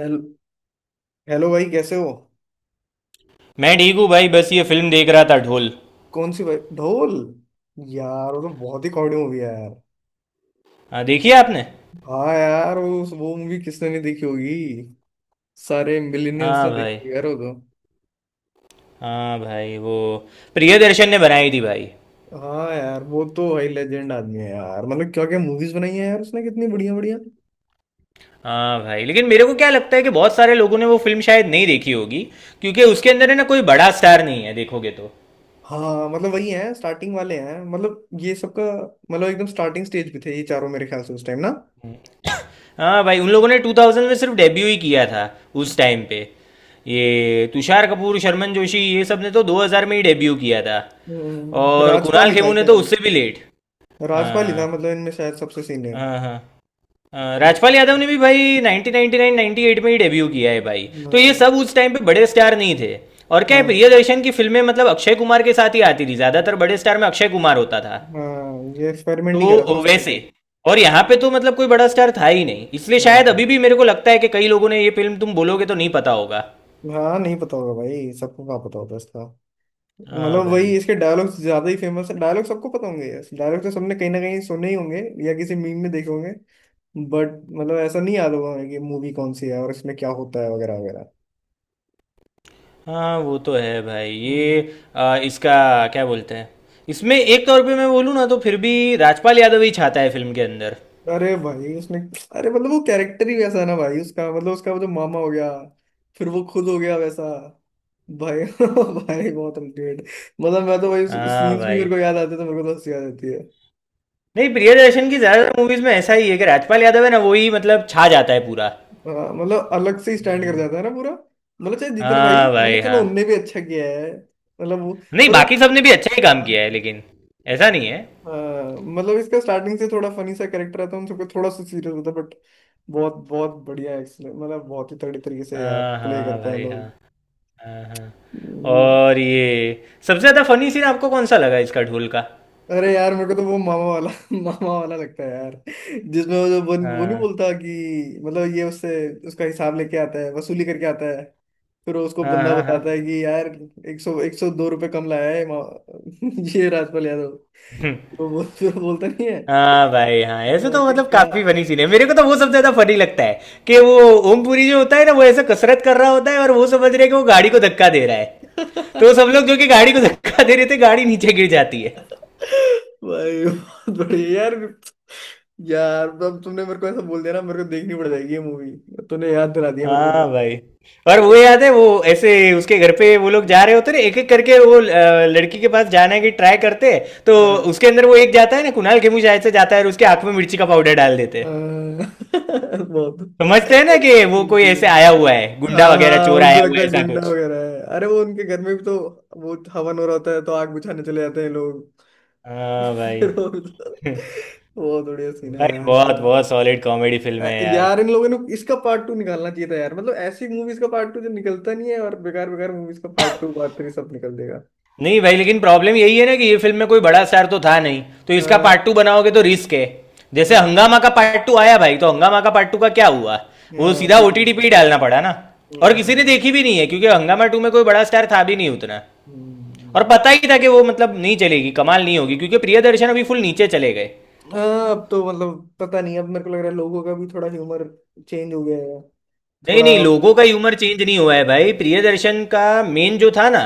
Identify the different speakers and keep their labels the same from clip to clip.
Speaker 1: Hello- hello भाई, कैसे हो?
Speaker 2: मैं ठीक हूँ भाई। बस ये फिल्म देख रहा था, ढोल।
Speaker 1: कौन सी भाई? ढोल? यार, वो तो बहुत ही कॉमेडी मूवी है यार।
Speaker 2: हाँ, देखी है आपने?
Speaker 1: हाँ यार, वो मूवी किसने नहीं देखी होगी। सारे मिलेनियल्स
Speaker 2: हाँ
Speaker 1: ने देखी
Speaker 2: भाई।
Speaker 1: होगी यार, वो तो।
Speaker 2: हाँ भाई वो प्रियदर्शन ने बनाई थी भाई।
Speaker 1: हाँ यार, वो तो भाई लेजेंड आदमी है यार, मतलब क्या क्या मूवीज बनाई है यार उसने, कितनी बढ़िया बढ़िया।
Speaker 2: हाँ भाई, लेकिन मेरे को क्या लगता है कि बहुत सारे लोगों ने वो फिल्म शायद नहीं देखी होगी, क्योंकि उसके अंदर है ना, कोई बड़ा स्टार नहीं है देखोगे तो।
Speaker 1: हाँ, मतलब वही है, स्टार्टिंग वाले हैं, मतलब ये सबका। मतलब एकदम स्टार्टिंग स्टेज पे थे ये चारों, मेरे ख्याल से उस टाइम ना।
Speaker 2: हाँ भाई, उन लोगों ने 2000 में सिर्फ डेब्यू ही किया था उस टाइम पे। ये तुषार कपूर, शर्मन जोशी, ये सब ने तो 2000 में ही डेब्यू किया था। और
Speaker 1: राजपाल
Speaker 2: कुणाल
Speaker 1: ही था
Speaker 2: खेमू ने तो
Speaker 1: शायद।
Speaker 2: उससे भी लेट।
Speaker 1: राजपाल ही था,
Speaker 2: हाँ
Speaker 1: मतलब इनमें शायद सबसे सीनियर।
Speaker 2: हाँ हाँ। राजपाल यादव ने भी भाई 1999 98 में ही डेब्यू किया है भाई, तो ये
Speaker 1: हाँ,
Speaker 2: सब उस टाइम पे बड़े स्टार नहीं थे। और क्या है,
Speaker 1: हाँ,
Speaker 2: प्रियदर्शन की फिल्में मतलब अक्षय कुमार के साथ ही आती थी ज्यादातर, बड़े स्टार में अक्षय कुमार होता था।
Speaker 1: हाँ। ये एक्सपेरिमेंट ही करा था
Speaker 2: तो
Speaker 1: उसने एक
Speaker 2: वैसे,
Speaker 1: टाइम।
Speaker 2: और यहाँ पे तो मतलब कोई बड़ा स्टार था ही नहीं, इसलिए शायद
Speaker 1: हाँ।
Speaker 2: अभी भी मेरे को लगता है कि कई लोगों ने ये फिल्म तुम बोलोगे तो नहीं पता होगा।
Speaker 1: हाँ, नहीं पता होगा भाई, सबको कहाँ पता होता है इसका।
Speaker 2: हाँ
Speaker 1: मतलब
Speaker 2: भाई।
Speaker 1: वही, इसके डायलॉग्स ज्यादा ही फेमस है, डायलॉग सबको पता होंगे यार, डायलॉग तो सबने कहीं ना कहीं सुने ही होंगे। या किसी मीम में देखे होंगे। बट। मतलब ऐसा नहीं याद होगा हमें कि मूवी कौन सी है और इसमें क्या होता है वगैरह
Speaker 2: हाँ, वो तो है भाई। ये
Speaker 1: वगैरह।
Speaker 2: इसका क्या बोलते हैं, इसमें एक तौर पे मैं बोलूँ ना तो फिर भी राजपाल यादव ही छाता है फिल्म के अंदर।
Speaker 1: अरे भाई, उसने। अरे मतलब वो कैरेक्टर ही वैसा है ना भाई उसका, मतलब उसका वो जो मामा हो गया। फिर वो खुद हो गया वैसा। भाई भाई बहुत अल्टीमेट। मतलब मैं तो भाई
Speaker 2: हाँ
Speaker 1: सीन्स भी
Speaker 2: भाई।
Speaker 1: मेरे को याद आते हैं तो मेरे को तो हंसी आ जाती है।
Speaker 2: नहीं, प्रियदर्शन की ज्यादातर मूवीज में ऐसा ही है कि राजपाल यादव है ना, वो ही मतलब छा जाता है पूरा।
Speaker 1: हाँ, मतलब अलग से स्टैंड कर
Speaker 2: हम्म।
Speaker 1: जाता है ना पूरा। मतलब चाहे जितना भाई,
Speaker 2: हाँ भाई
Speaker 1: मतलब चलो
Speaker 2: हाँ।
Speaker 1: उनने भी अच्छा किया है। मतलब वो,
Speaker 2: नहीं,
Speaker 1: पर वो,
Speaker 2: बाकी सबने भी अच्छा ही काम
Speaker 1: हाँ।
Speaker 2: किया है लेकिन ऐसा नहीं है।
Speaker 1: हाँ, मतलब इसका स्टार्टिंग से थोड़ा फनी सा कैरेक्टर आता है, उन सबको थोड़ा सा सीरियस होता है बट। बहुत बहुत बढ़िया एक्सलेंट, मतलब बहुत ही तगड़े तरीके से यार
Speaker 2: हाँ
Speaker 1: प्ले
Speaker 2: हाँ
Speaker 1: करते हैं
Speaker 2: भाई हाँ।
Speaker 1: लोग।
Speaker 2: हाँ हाँ।
Speaker 1: वो-
Speaker 2: और ये सबसे ज्यादा फनी सीन आपको कौन सा लगा इसका, ढोल का?
Speaker 1: अरे यार, मेरे को तो वो मामा वाला मामा वाला लगता है यार। जिसमें वो जो वो नहीं
Speaker 2: हाँ
Speaker 1: बोलता कि मतलब ये उससे, उसका हिसाब लेके आता है, वसूली करके आता है। फिर वो उसको
Speaker 2: हाँ
Speaker 1: बंदा
Speaker 2: हाँ हाँ।
Speaker 1: बताता है कि यार एक सौ दो रुपये कम लाया है ये राजपाल यादव।
Speaker 2: हम्म।
Speaker 1: तो वो फिर वो बोलता नहीं है।
Speaker 2: हाँ भाई हाँ, ऐसे तो
Speaker 1: कि
Speaker 2: मतलब
Speaker 1: का।
Speaker 2: काफी फनी सीन है, मेरे को तो वो सबसे ज्यादा फनी लगता है, कि वो ओमपुरी जो होता है ना, वो ऐसे कसरत कर रहा होता है, और वो समझ रहे हैं कि वो गाड़ी को धक्का दे रहा है, तो सब लोग जो कि गाड़ी को धक्का दे रहे थे, गाड़ी नीचे गिर जाती है।
Speaker 1: भाई बहुत बढ़िया यार। यार अब तुमने मेरे को ऐसा बोल दिया ना, मेरे को देखनी पड़ जाएगी ये मूवी। तूने याद दिला दिया मेरे को
Speaker 2: हाँ
Speaker 1: पूरी।
Speaker 2: भाई। और वो याद है, वो ऐसे उसके घर पे वो लोग जा रहे होते ना, एक एक करके वो लड़की के पास जाने की ट्राई करते हैं, तो
Speaker 1: हाँ।
Speaker 2: उसके अंदर वो एक जाता है ना, कुणाल खेमू शायद से जाता है, और उसके आंख में मिर्ची का पाउडर डाल देते हैं।
Speaker 1: हाँ, बहुत
Speaker 2: समझते हैं ना कि वो कोई
Speaker 1: ये।
Speaker 2: ऐसे आया हुआ है, गुंडा
Speaker 1: हाँ
Speaker 2: वगैरह,
Speaker 1: हाँ,
Speaker 2: चोर आया
Speaker 1: उनको
Speaker 2: हुआ
Speaker 1: लगता
Speaker 2: है,
Speaker 1: है
Speaker 2: ऐसा
Speaker 1: गुंडा
Speaker 2: कुछ।
Speaker 1: वगैरह है। अरे वो उनके घर में भी तो, वो हवन हो रहा होता है तो आग बुझाने चले जाते हैं लोग।
Speaker 2: हाँ भाई
Speaker 1: फिर वो, बहुत बढ़िया सीन है
Speaker 2: भाई
Speaker 1: यार इसमें।
Speaker 2: बहुत, बहुत सॉलिड कॉमेडी फिल्म है यार।
Speaker 1: यार, इन लोगों ने इसका पार्ट टू निकालना चाहिए था यार, मतलब ऐसी मूवीज का पार्ट टू जो निकलता नहीं है, और बेकार बेकार मूवीज का पार्ट टू पार्ट थ्री सब निकल देगा।
Speaker 2: नहीं भाई, लेकिन प्रॉब्लम यही है ना कि ये फिल्म में कोई बड़ा स्टार तो था नहीं, तो इसका
Speaker 1: हाँ
Speaker 2: पार्ट टू बनाओगे तो रिस्क है। जैसे
Speaker 1: हाँ।
Speaker 2: हंगामा का पार्ट टू आया भाई, तो हंगामा का पार्ट टू का क्या हुआ? वो
Speaker 1: हाँ,
Speaker 2: सीधा
Speaker 1: पिट गया।
Speaker 2: ओटीटी पे ही डालना पड़ा ना। और
Speaker 1: हम्म,
Speaker 2: किसी ने
Speaker 1: हम्म।
Speaker 2: देखी भी नहीं है, क्योंकि हंगामा टू में कोई बड़ा स्टार था भी नहीं उतना।
Speaker 1: हम्म, हम्म,
Speaker 2: और
Speaker 1: हम्म।
Speaker 2: पता ही था कि वो मतलब नहीं चलेगी, कमाल नहीं होगी, क्योंकि प्रियदर्शन अभी फुल नीचे चले गए।
Speaker 1: हाँ, अब तो मतलब पता नहीं, अब मेरे को लग रहा है लोगों का भी थोड़ा ह्यूमर चेंज हो गया है।
Speaker 2: नहीं
Speaker 1: थोड़ा।
Speaker 2: नहीं, लोगों का ह्यूमर चेंज नहीं हुआ है भाई, प्रियदर्शन का मेन जो था ना,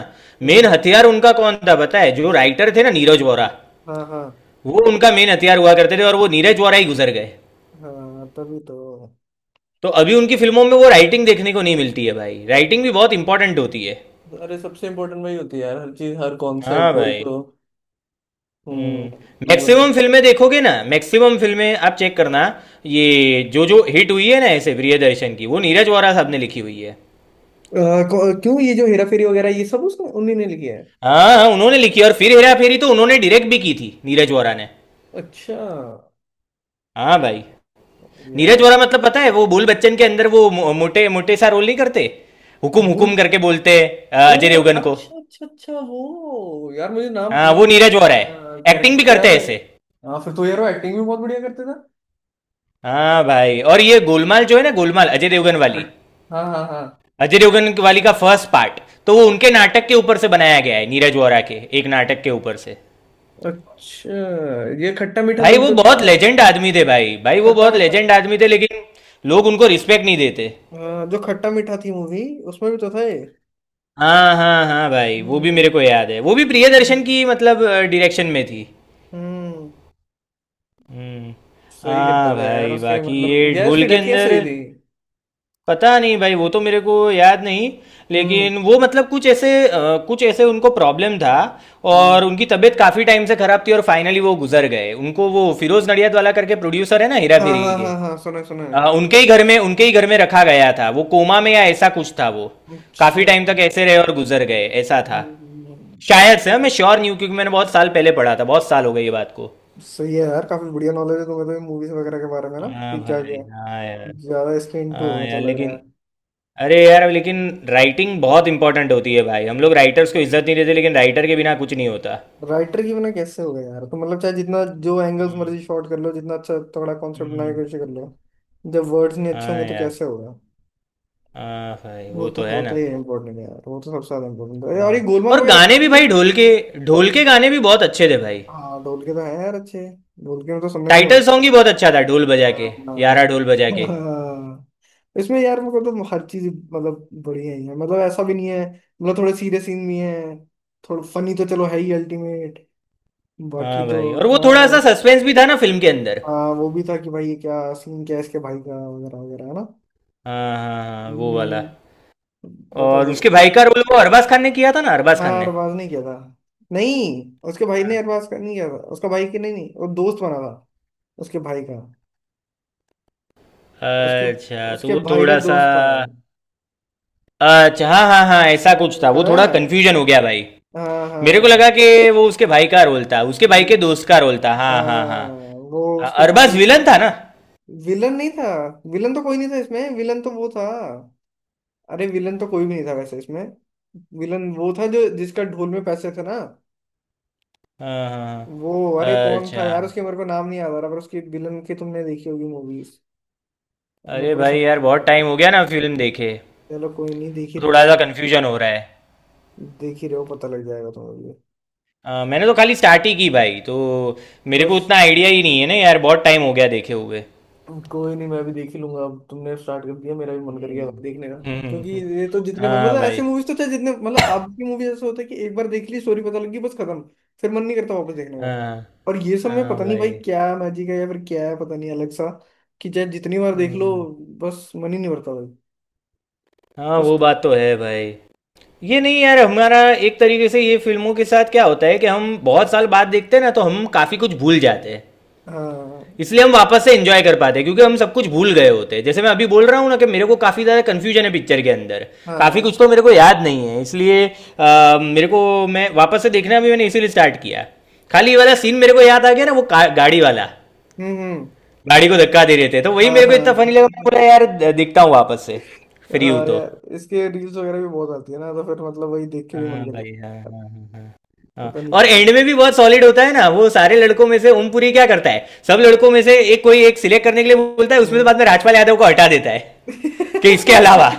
Speaker 2: मेन
Speaker 1: हम्म।
Speaker 2: हथियार उनका कौन था पता है? जो राइटर थे ना, नीरज वोरा।
Speaker 1: हाँ, हाँ।
Speaker 2: वो उनका मेन हथियार हुआ करते थे, और वो नीरज वोरा ही गुजर गए।
Speaker 1: हाँ, तभी तो।
Speaker 2: तो अभी उनकी फिल्मों में वो राइटिंग देखने को नहीं मिलती है भाई, राइटिंग भी बहुत इंपॉर्टेंट होती है।
Speaker 1: अरे, सबसे इम्पोर्टेंट वही होती है यार, हर चीज हर
Speaker 2: हाँ
Speaker 1: कॉन्सेप्ट वही
Speaker 2: भाई।
Speaker 1: तो।
Speaker 2: हम्म।
Speaker 1: हम्म, वरना।
Speaker 2: मैक्सिमम फिल्में देखोगे ना, मैक्सिमम फिल्में आप चेक करना, ये जो जो हिट हुई है ना ऐसे प्रियदर्शन की, वो नीरज वोरा साहब ने लिखी हुई है।
Speaker 1: अ, क्यों, ये जो हेरा फेरी वगैरह ये सब उसने उन्हीं ने लिखी है?
Speaker 2: हाँ हाँ, उन्होंने लिखी है। और फिर हेरा फेरी तो उन्होंने डायरेक्ट भी की थी, नीरज वोरा ने।
Speaker 1: अच्छा।
Speaker 2: हाँ भाई। नीरज वोरा
Speaker 1: यार।
Speaker 2: मतलब पता है, वो बोल बच्चन के अंदर वो मोटे मोटे सा रोल नहीं करते, हुकुम
Speaker 1: भूल।
Speaker 2: हुकुम करके बोलते हैं अजय
Speaker 1: ओ।
Speaker 2: देवगन को।
Speaker 1: अच्छा अच्छा अच्छा, वो यार मुझे नाम,
Speaker 2: हाँ, वो नीरज वोरा है।
Speaker 1: मतलब
Speaker 2: एक्टिंग भी
Speaker 1: कैरेक्टर तो
Speaker 2: करते
Speaker 1: याद
Speaker 2: हैं
Speaker 1: है।
Speaker 2: ऐसे।
Speaker 1: हाँ, फिर तो यार वो एक्टिंग भी बहुत बढ़िया करते थे।
Speaker 2: हाँ भाई। और ये गोलमाल जो है ना, गोलमाल अजय देवगन वाली,
Speaker 1: खट। हाँ, हाँ, हाँ।
Speaker 2: अजय देवगन वाली का फर्स्ट पार्ट, तो वो उनके नाटक के ऊपर से बनाया गया है, नीरज वोरा के एक नाटक के ऊपर से।
Speaker 1: अच्छा। ये खट्टा मीठा में
Speaker 2: भाई
Speaker 1: भी
Speaker 2: वो
Speaker 1: तो था।
Speaker 2: बहुत लेजेंड आदमी थे भाई, भाई वो
Speaker 1: खट्टा
Speaker 2: बहुत
Speaker 1: मीठा।
Speaker 2: लेजेंड आदमी थे, लेकिन लोग उनको रिस्पेक्ट नहीं देते।
Speaker 1: हाँ, जो खट्टा मीठा थी मूवी, उसमें भी तो था ये।
Speaker 2: हाँ हाँ हाँ भाई, वो भी
Speaker 1: हम्म।
Speaker 2: मेरे को याद है, वो भी प्रियदर्शन
Speaker 1: हम्म।
Speaker 2: की मतलब डायरेक्शन में थी।
Speaker 1: हम्म।
Speaker 2: हम्म।
Speaker 1: सही करता
Speaker 2: हाँ
Speaker 1: था यार
Speaker 2: भाई,
Speaker 1: उसके,
Speaker 2: बाकी ये
Speaker 1: मतलब यार
Speaker 2: ढोल
Speaker 1: उसकी
Speaker 2: के
Speaker 1: डेथ
Speaker 2: अंदर,
Speaker 1: कैसे हुई थी?
Speaker 2: पता नहीं भाई, वो तो मेरे को याद नहीं, लेकिन
Speaker 1: हम्म।
Speaker 2: वो मतलब कुछ ऐसे कुछ ऐसे उनको प्रॉब्लम था, और
Speaker 1: हम्म।
Speaker 2: उनकी तबीयत काफ़ी टाइम से ख़राब थी, और फाइनली वो गुजर गए। उनको वो फिरोज़ नडियाद वाला करके प्रोड्यूसर है ना हीरा
Speaker 1: हाँ,
Speaker 2: फेरी
Speaker 1: हाँ,
Speaker 2: के,
Speaker 1: हाँ, हाँ, सुना है, सुना है।
Speaker 2: उनके ही घर में, उनके ही घर में रखा गया था। वो कोमा में या ऐसा कुछ था वो,
Speaker 1: अच्छा,
Speaker 2: काफ़ी टाइम तक ऐसे रहे और गुजर गए, ऐसा था
Speaker 1: हम्म।
Speaker 2: शायद से। हाँ, मैं श्योर नहीं हूँ, क्योंकि मैंने बहुत साल पहले पढ़ा था, बहुत साल हो गए ये बात को।
Speaker 1: सही है यार, काफी बढ़िया नॉलेज है तुम्हें तो मूवीज वगैरह के बारे में ना,
Speaker 2: हाँ
Speaker 1: कि क्या
Speaker 2: भाई।
Speaker 1: क्या।
Speaker 2: हाँ यार।
Speaker 1: ज्यादा इसके इंटू हो
Speaker 2: हाँ यार,
Speaker 1: मतलब, लग रहा
Speaker 2: लेकिन,
Speaker 1: है।
Speaker 2: अरे यार लेकिन राइटिंग बहुत इंपॉर्टेंट होती है भाई, हम लोग राइटर्स को इज्जत नहीं देते, लेकिन राइटर के बिना कुछ नहीं होता।
Speaker 1: राइटर की बिना कैसे होगा यार, तो मतलब चाहे जितना, जो एंगल्स
Speaker 2: हम्म।
Speaker 1: मर्जी शॉट कर लो, जितना अच्छा तगड़ा कॉन्सेप्ट बनाने
Speaker 2: हम्म।
Speaker 1: की कोशिश कर लो। जब वर्ड्स नहीं अच्छे होंगे
Speaker 2: हाँ
Speaker 1: तो
Speaker 2: यार।
Speaker 1: कैसे होगा?
Speaker 2: हाँ भाई,
Speaker 1: वो
Speaker 2: वो
Speaker 1: तो
Speaker 2: तो है
Speaker 1: होता
Speaker 2: ना।
Speaker 1: ही है इम्पोर्टेंट यार, वो तो सबसे ज्यादा इम्पोर्टेंट है, और ये
Speaker 2: हाँ।
Speaker 1: गोलमाल
Speaker 2: और
Speaker 1: वगैरह भी
Speaker 2: गाने भी
Speaker 1: सब मिले।
Speaker 2: भाई, ढोल के, ढोल के गाने भी बहुत अच्छे थे भाई।
Speaker 1: हाँ, ढोल के तो है यार अच्छे। ढोल के में तो सुनने में
Speaker 2: टाइटल
Speaker 1: बहुत।
Speaker 2: सॉन्ग ही बहुत अच्छा था, ढोल बजा के, यारा
Speaker 1: हाँ।
Speaker 2: ढोल बजा के।
Speaker 1: हाँ। इसमें यार मेरे को तो हर चीज, मतलब बढ़िया ही है, मतलब ऐसा भी नहीं है। मतलब थोड़े सीरियस सीन भी है। थोड़ा फनी तो चलो है ही अल्टीमेट। बाकी
Speaker 2: हाँ
Speaker 1: तो।
Speaker 2: भाई, और वो थोड़ा
Speaker 1: हाँ।
Speaker 2: सा सस्पेंस भी था ना फिल्म के अंदर।
Speaker 1: हाँ, वो भी था कि भाई ये क्या सीन क्या है इसके भाई का वगैरह वगैरह है ना।
Speaker 2: हाँ हाँ हाँ, वो वाला।
Speaker 1: हम्म, बता
Speaker 2: और
Speaker 1: दो।
Speaker 2: उसके भाई का रोल वो अरबाज खान ने किया था ना, अरबाज
Speaker 1: हाँ,
Speaker 2: खान ने।
Speaker 1: अरबाज नहीं किया था। नहीं, उसके भाई ने
Speaker 2: हाँ।
Speaker 1: अरबाज का नहीं किया था, उसका भाई के, नहीं नहीं वो दोस्त बना था। उसके भाई का। उसके,
Speaker 2: अच्छा, तो
Speaker 1: उसके
Speaker 2: वो
Speaker 1: भाई का
Speaker 2: थोड़ा सा,
Speaker 1: दोस्त था।
Speaker 2: अच्छा हाँ हाँ हाँ, ऐसा
Speaker 1: हाँ,
Speaker 2: कुछ था,
Speaker 1: याद
Speaker 2: वो थोड़ा
Speaker 1: आया।
Speaker 2: कंफ्यूजन हो गया भाई।
Speaker 1: हाँ
Speaker 2: मेरे को लगा
Speaker 1: हाँ।
Speaker 2: कि वो उसके भाई का रोल था, उसके भाई
Speaker 1: हम्म।
Speaker 2: के दोस्त का रोल था। हाँ हाँ हाँ।
Speaker 1: हाँ। वो
Speaker 2: हाँ,
Speaker 1: उसके
Speaker 2: अरबाज
Speaker 1: भाई तो,
Speaker 2: विलन था ना।
Speaker 1: विलन नहीं था। विलन तो कोई नहीं था इसमें, विलन तो वो था। अरे, विलन तो कोई भी नहीं था वैसे इसमें। विलन वो था जो, जिसका ढोल में पैसे थे ना,
Speaker 2: हाँ हाँ
Speaker 1: वो। अरे
Speaker 2: हाँ।
Speaker 1: कौन था
Speaker 2: अच्छा।
Speaker 1: यार उसके, मेरे को नाम नहीं याद आ रहा, पर उसकी विलन की तुमने देखी होगी मूवीज। मेरे
Speaker 2: अरे
Speaker 1: को ऐसा
Speaker 2: भाई यार
Speaker 1: नाम नहीं
Speaker 2: बहुत
Speaker 1: पता।
Speaker 2: टाइम हो गया ना फिल्म देखे,
Speaker 1: चलो कोई नहीं, देख ही
Speaker 2: तो
Speaker 1: रहे
Speaker 2: थोड़ा
Speaker 1: हो।
Speaker 2: सा कंफ्यूजन हो रहा है।
Speaker 1: देख ही रहे हो, पता लग जाएगा तुम्हें भी।
Speaker 2: मैंने तो खाली स्टार्ट ही की भाई, तो मेरे को
Speaker 1: बस।
Speaker 2: उतना आइडिया ही नहीं है ना यार, बहुत टाइम हो गया देखे हुए।
Speaker 1: कोई नहीं, मैं भी देख ही लूंगा, अब तुमने स्टार्ट कर दिया मेरा भी मन कर गया
Speaker 2: हम्म
Speaker 1: देखने का। क्योंकि
Speaker 2: हम्म।
Speaker 1: ये तो जितने बार
Speaker 2: हाँ
Speaker 1: मतलब
Speaker 2: भाई
Speaker 1: ऐसे मूवीज तो चाहे जितने, मतलब आपकी मूवीज ऐसे होता है कि एक बार देख ली स्टोरी पता लगी बस खत्म। फिर मन नहीं करता वापस देखने का।
Speaker 2: हाँ।
Speaker 1: और ये सब में
Speaker 2: हाँ
Speaker 1: पता नहीं भाई
Speaker 2: भाई।
Speaker 1: क्या मैजिक है, या फिर क्या है पता नहीं अलग सा। कि चाहे जितनी बार देख लो,
Speaker 2: हम्म।
Speaker 1: बस मन ही नहीं भरता भाई।
Speaker 2: हाँ,
Speaker 1: कुछ
Speaker 2: वो
Speaker 1: तो।
Speaker 2: बात तो है भाई, ये नहीं यार, हमारा एक तरीके से ये फिल्मों के साथ क्या होता है कि हम बहुत साल बाद देखते हैं ना, तो हम काफ़ी कुछ भूल जाते हैं।
Speaker 1: हाँ
Speaker 2: इसलिए हम वापस से एंजॉय कर पाते हैं, क्योंकि हम सब कुछ भूल गए होते हैं। जैसे मैं अभी बोल रहा हूँ ना कि मेरे को काफ़ी ज़्यादा कन्फ्यूजन है पिक्चर के अंदर,
Speaker 1: हाँ।
Speaker 2: काफ़ी
Speaker 1: हाँ।
Speaker 2: कुछ तो मेरे को याद नहीं है, इसलिए मेरे को, मैं वापस से देखना भी मैंने इसीलिए स्टार्ट किया। खाली ये वाला सीन मेरे को याद आ गया ना, वो गाड़ी वाला,
Speaker 1: हम्म, हम्म।
Speaker 2: गाड़ी को धक्का दे रहे थे, तो वही
Speaker 1: हाँ
Speaker 2: मेरे को इतना फनी लगा, मैं
Speaker 1: हाँ।
Speaker 2: बोला यार देखता हूँ वापस से, फ्री हूँ
Speaker 1: हाँ
Speaker 2: तो।
Speaker 1: यार, इसके रील्स वगैरह भी बहुत आती है ना, तो फिर मतलब वही देख के भी मन
Speaker 2: हाँ
Speaker 1: कर
Speaker 2: भाई,
Speaker 1: जाता
Speaker 2: हाँ हाँ हाँ हाँ।
Speaker 1: है।
Speaker 2: हाँ।
Speaker 1: पता नहीं
Speaker 2: और
Speaker 1: भाई।
Speaker 2: एंड में भी बहुत सॉलिड होता है ना, वो सारे लड़कों में से ओमपुरी क्या करता है, सब लड़कों में से एक, कोई एक सिलेक्ट करने के लिए बोलता है, उसमें से
Speaker 1: हम्म।
Speaker 2: बाद में राजपाल यादव को हटा देता है कि इसके अलावा।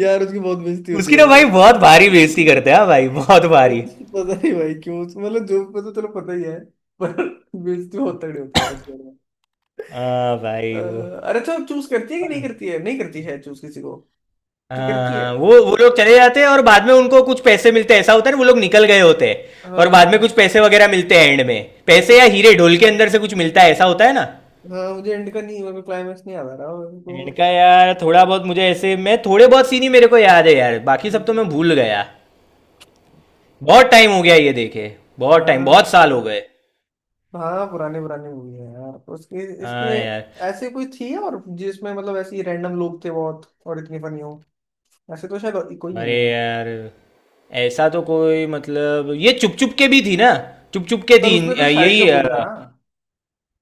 Speaker 1: यार उसकी बहुत बेइज्जती होती
Speaker 2: उसकी
Speaker 1: है
Speaker 2: ना
Speaker 1: यार
Speaker 2: भाई
Speaker 1: ऐसे।
Speaker 2: बहुत भारी बेइज्जती करते हैं, हाँ भाई बहुत भारी।
Speaker 1: पता नहीं भाई क्यों, मतलब जो पता चलो पता ही है। पर, बेइज्जती बहुत तगड़ी होती है यार उसके बारे
Speaker 2: हाँ
Speaker 1: में।
Speaker 2: भाई, वो।
Speaker 1: अरे अच्छा, चूज करती है कि नहीं करती है, नहीं करती है चूज किसी को? कि
Speaker 2: हाँ
Speaker 1: करती है?
Speaker 2: हाँ, वो लोग चले जाते हैं, और बाद में उनको कुछ पैसे मिलते हैं, ऐसा होता है ना, वो लोग निकल गए होते हैं, और बाद में कुछ
Speaker 1: हाँ।
Speaker 2: पैसे वगैरह मिलते हैं एंड में। पैसे या हीरे ढोल के अंदर से कुछ मिलता है, ऐसा होता है ना।
Speaker 1: हाँ, मुझे एंड का नहीं, मेरे को क्लाइमेक्स नहीं याद आ रहा मेरे को
Speaker 2: एंड का यार थोड़ा बहुत मुझे, ऐसे मैं थोड़े बहुत सीन ही मेरे को याद है यार, बाकी सब तो
Speaker 1: हम्म।
Speaker 2: मैं भूल गया, बहुत टाइम हो गया ये देखे, बहुत टाइम,
Speaker 1: हाँ,
Speaker 2: बहुत साल हो गए।
Speaker 1: हाँ, पुराने पुराने मूवी है यार तो उसके इसके।
Speaker 2: हाँ यार।
Speaker 1: ऐसे कोई थी और जिसमें मतलब ऐसे ही रैंडम लोग थे बहुत और इतनी फनी हो। ऐसे तो शायद कोई नहीं
Speaker 2: अरे
Speaker 1: है यार।
Speaker 2: यार ऐसा तो कोई मतलब, ये चुप चुप के भी थी ना, चुप चुप के
Speaker 1: पर
Speaker 2: थी,
Speaker 1: उसमें तो शाहिद
Speaker 2: यही
Speaker 1: कपूर था।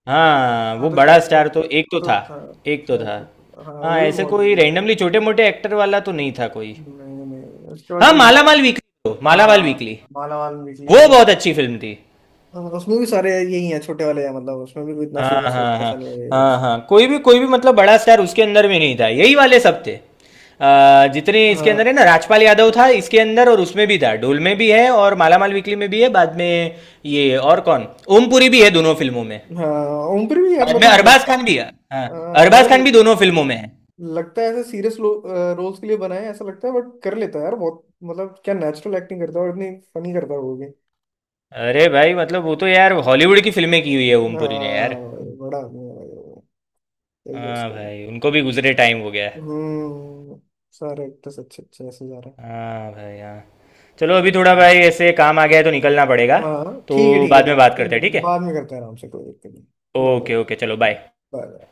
Speaker 2: हाँ,
Speaker 1: हाँ,
Speaker 2: वो
Speaker 1: तो
Speaker 2: बड़ा
Speaker 1: शाहिद
Speaker 2: स्टार तो एक तो
Speaker 1: कपूर
Speaker 2: था,
Speaker 1: तो था।
Speaker 2: एक तो
Speaker 1: शाहिद
Speaker 2: था।
Speaker 1: कपूर, हाँ
Speaker 2: हाँ,
Speaker 1: वो भी
Speaker 2: ऐसे
Speaker 1: बहुत
Speaker 2: कोई
Speaker 1: बढ़िया है।
Speaker 2: रैंडमली छोटे मोटे एक्टर वाला तो नहीं था कोई।
Speaker 1: नहीं नहीं उसके बाद
Speaker 2: हाँ,
Speaker 1: एक
Speaker 2: मालामाल वीकली, मालामाल
Speaker 1: हाँ,
Speaker 2: वीकली,
Speaker 1: माला माल निकली में
Speaker 2: वो
Speaker 1: भी।
Speaker 2: बहुत अच्छी फिल्म थी।
Speaker 1: हाँ, उसमें भी सारे यही है छोटे वाले हैं, मतलब उसमें भी कोई इतना
Speaker 2: हाँ,
Speaker 1: फेमस होता
Speaker 2: हाँ,
Speaker 1: है
Speaker 2: हाँ।
Speaker 1: ऐसा नहीं है
Speaker 2: हाँ,
Speaker 1: कुछ।
Speaker 2: हाँ। कोई भी, कोई भी मतलब बड़ा स्टार उसके अंदर में नहीं था, यही वाले सब थे। जितने इसके अंदर है
Speaker 1: हाँ।
Speaker 2: ना, राजपाल यादव था इसके अंदर और उसमें भी था, ढोल में भी है और माला माल वीकली में भी है बाद में। ये और कौन, ओमपुरी भी है दोनों फिल्मों में।
Speaker 1: हाँ। ओमपुरी भी यार
Speaker 2: बाद में
Speaker 1: मतलब लग,
Speaker 2: अरबाज खान भी है। हाँ, अरबाज खान भी
Speaker 1: मतलब
Speaker 2: दोनों फिल्मों में है।
Speaker 1: लगता है ऐसे सीरियस रोल्स के लिए बनाया है ऐसा लगता है, बट कर लेता है यार बहुत, मतलब क्या नेचुरल एक्टिंग करता है और इतनी फनी करता है वो भी।
Speaker 2: अरे भाई मतलब वो तो यार हॉलीवुड की फिल्में की हुई है ओमपुरी ने
Speaker 1: हाँ
Speaker 2: यार।
Speaker 1: भाई, बड़ा आदमी है भाई वो। यही है
Speaker 2: हाँ
Speaker 1: उसका भी।
Speaker 2: भाई, उनको भी गुजरे टाइम हो गया।
Speaker 1: हम्म। सारे एक्टर्स अच्छे अच्छे ऐसे जा रहे हैं।
Speaker 2: हाँ भाई हाँ। चलो अभी थोड़ा भाई
Speaker 1: हम्म।
Speaker 2: ऐसे काम आ गया है तो निकलना पड़ेगा,
Speaker 1: हाँ ठीक है
Speaker 2: तो
Speaker 1: ठीक है
Speaker 2: बाद में
Speaker 1: ठीक है,
Speaker 2: बात
Speaker 1: कोई
Speaker 2: करते हैं ठीक
Speaker 1: नहीं,
Speaker 2: है?
Speaker 1: बाद में करते हैं आराम से, कोई दिक्कत नहीं, बाय बाय।
Speaker 2: ओके ओके, चलो बाय।
Speaker 1: बाय।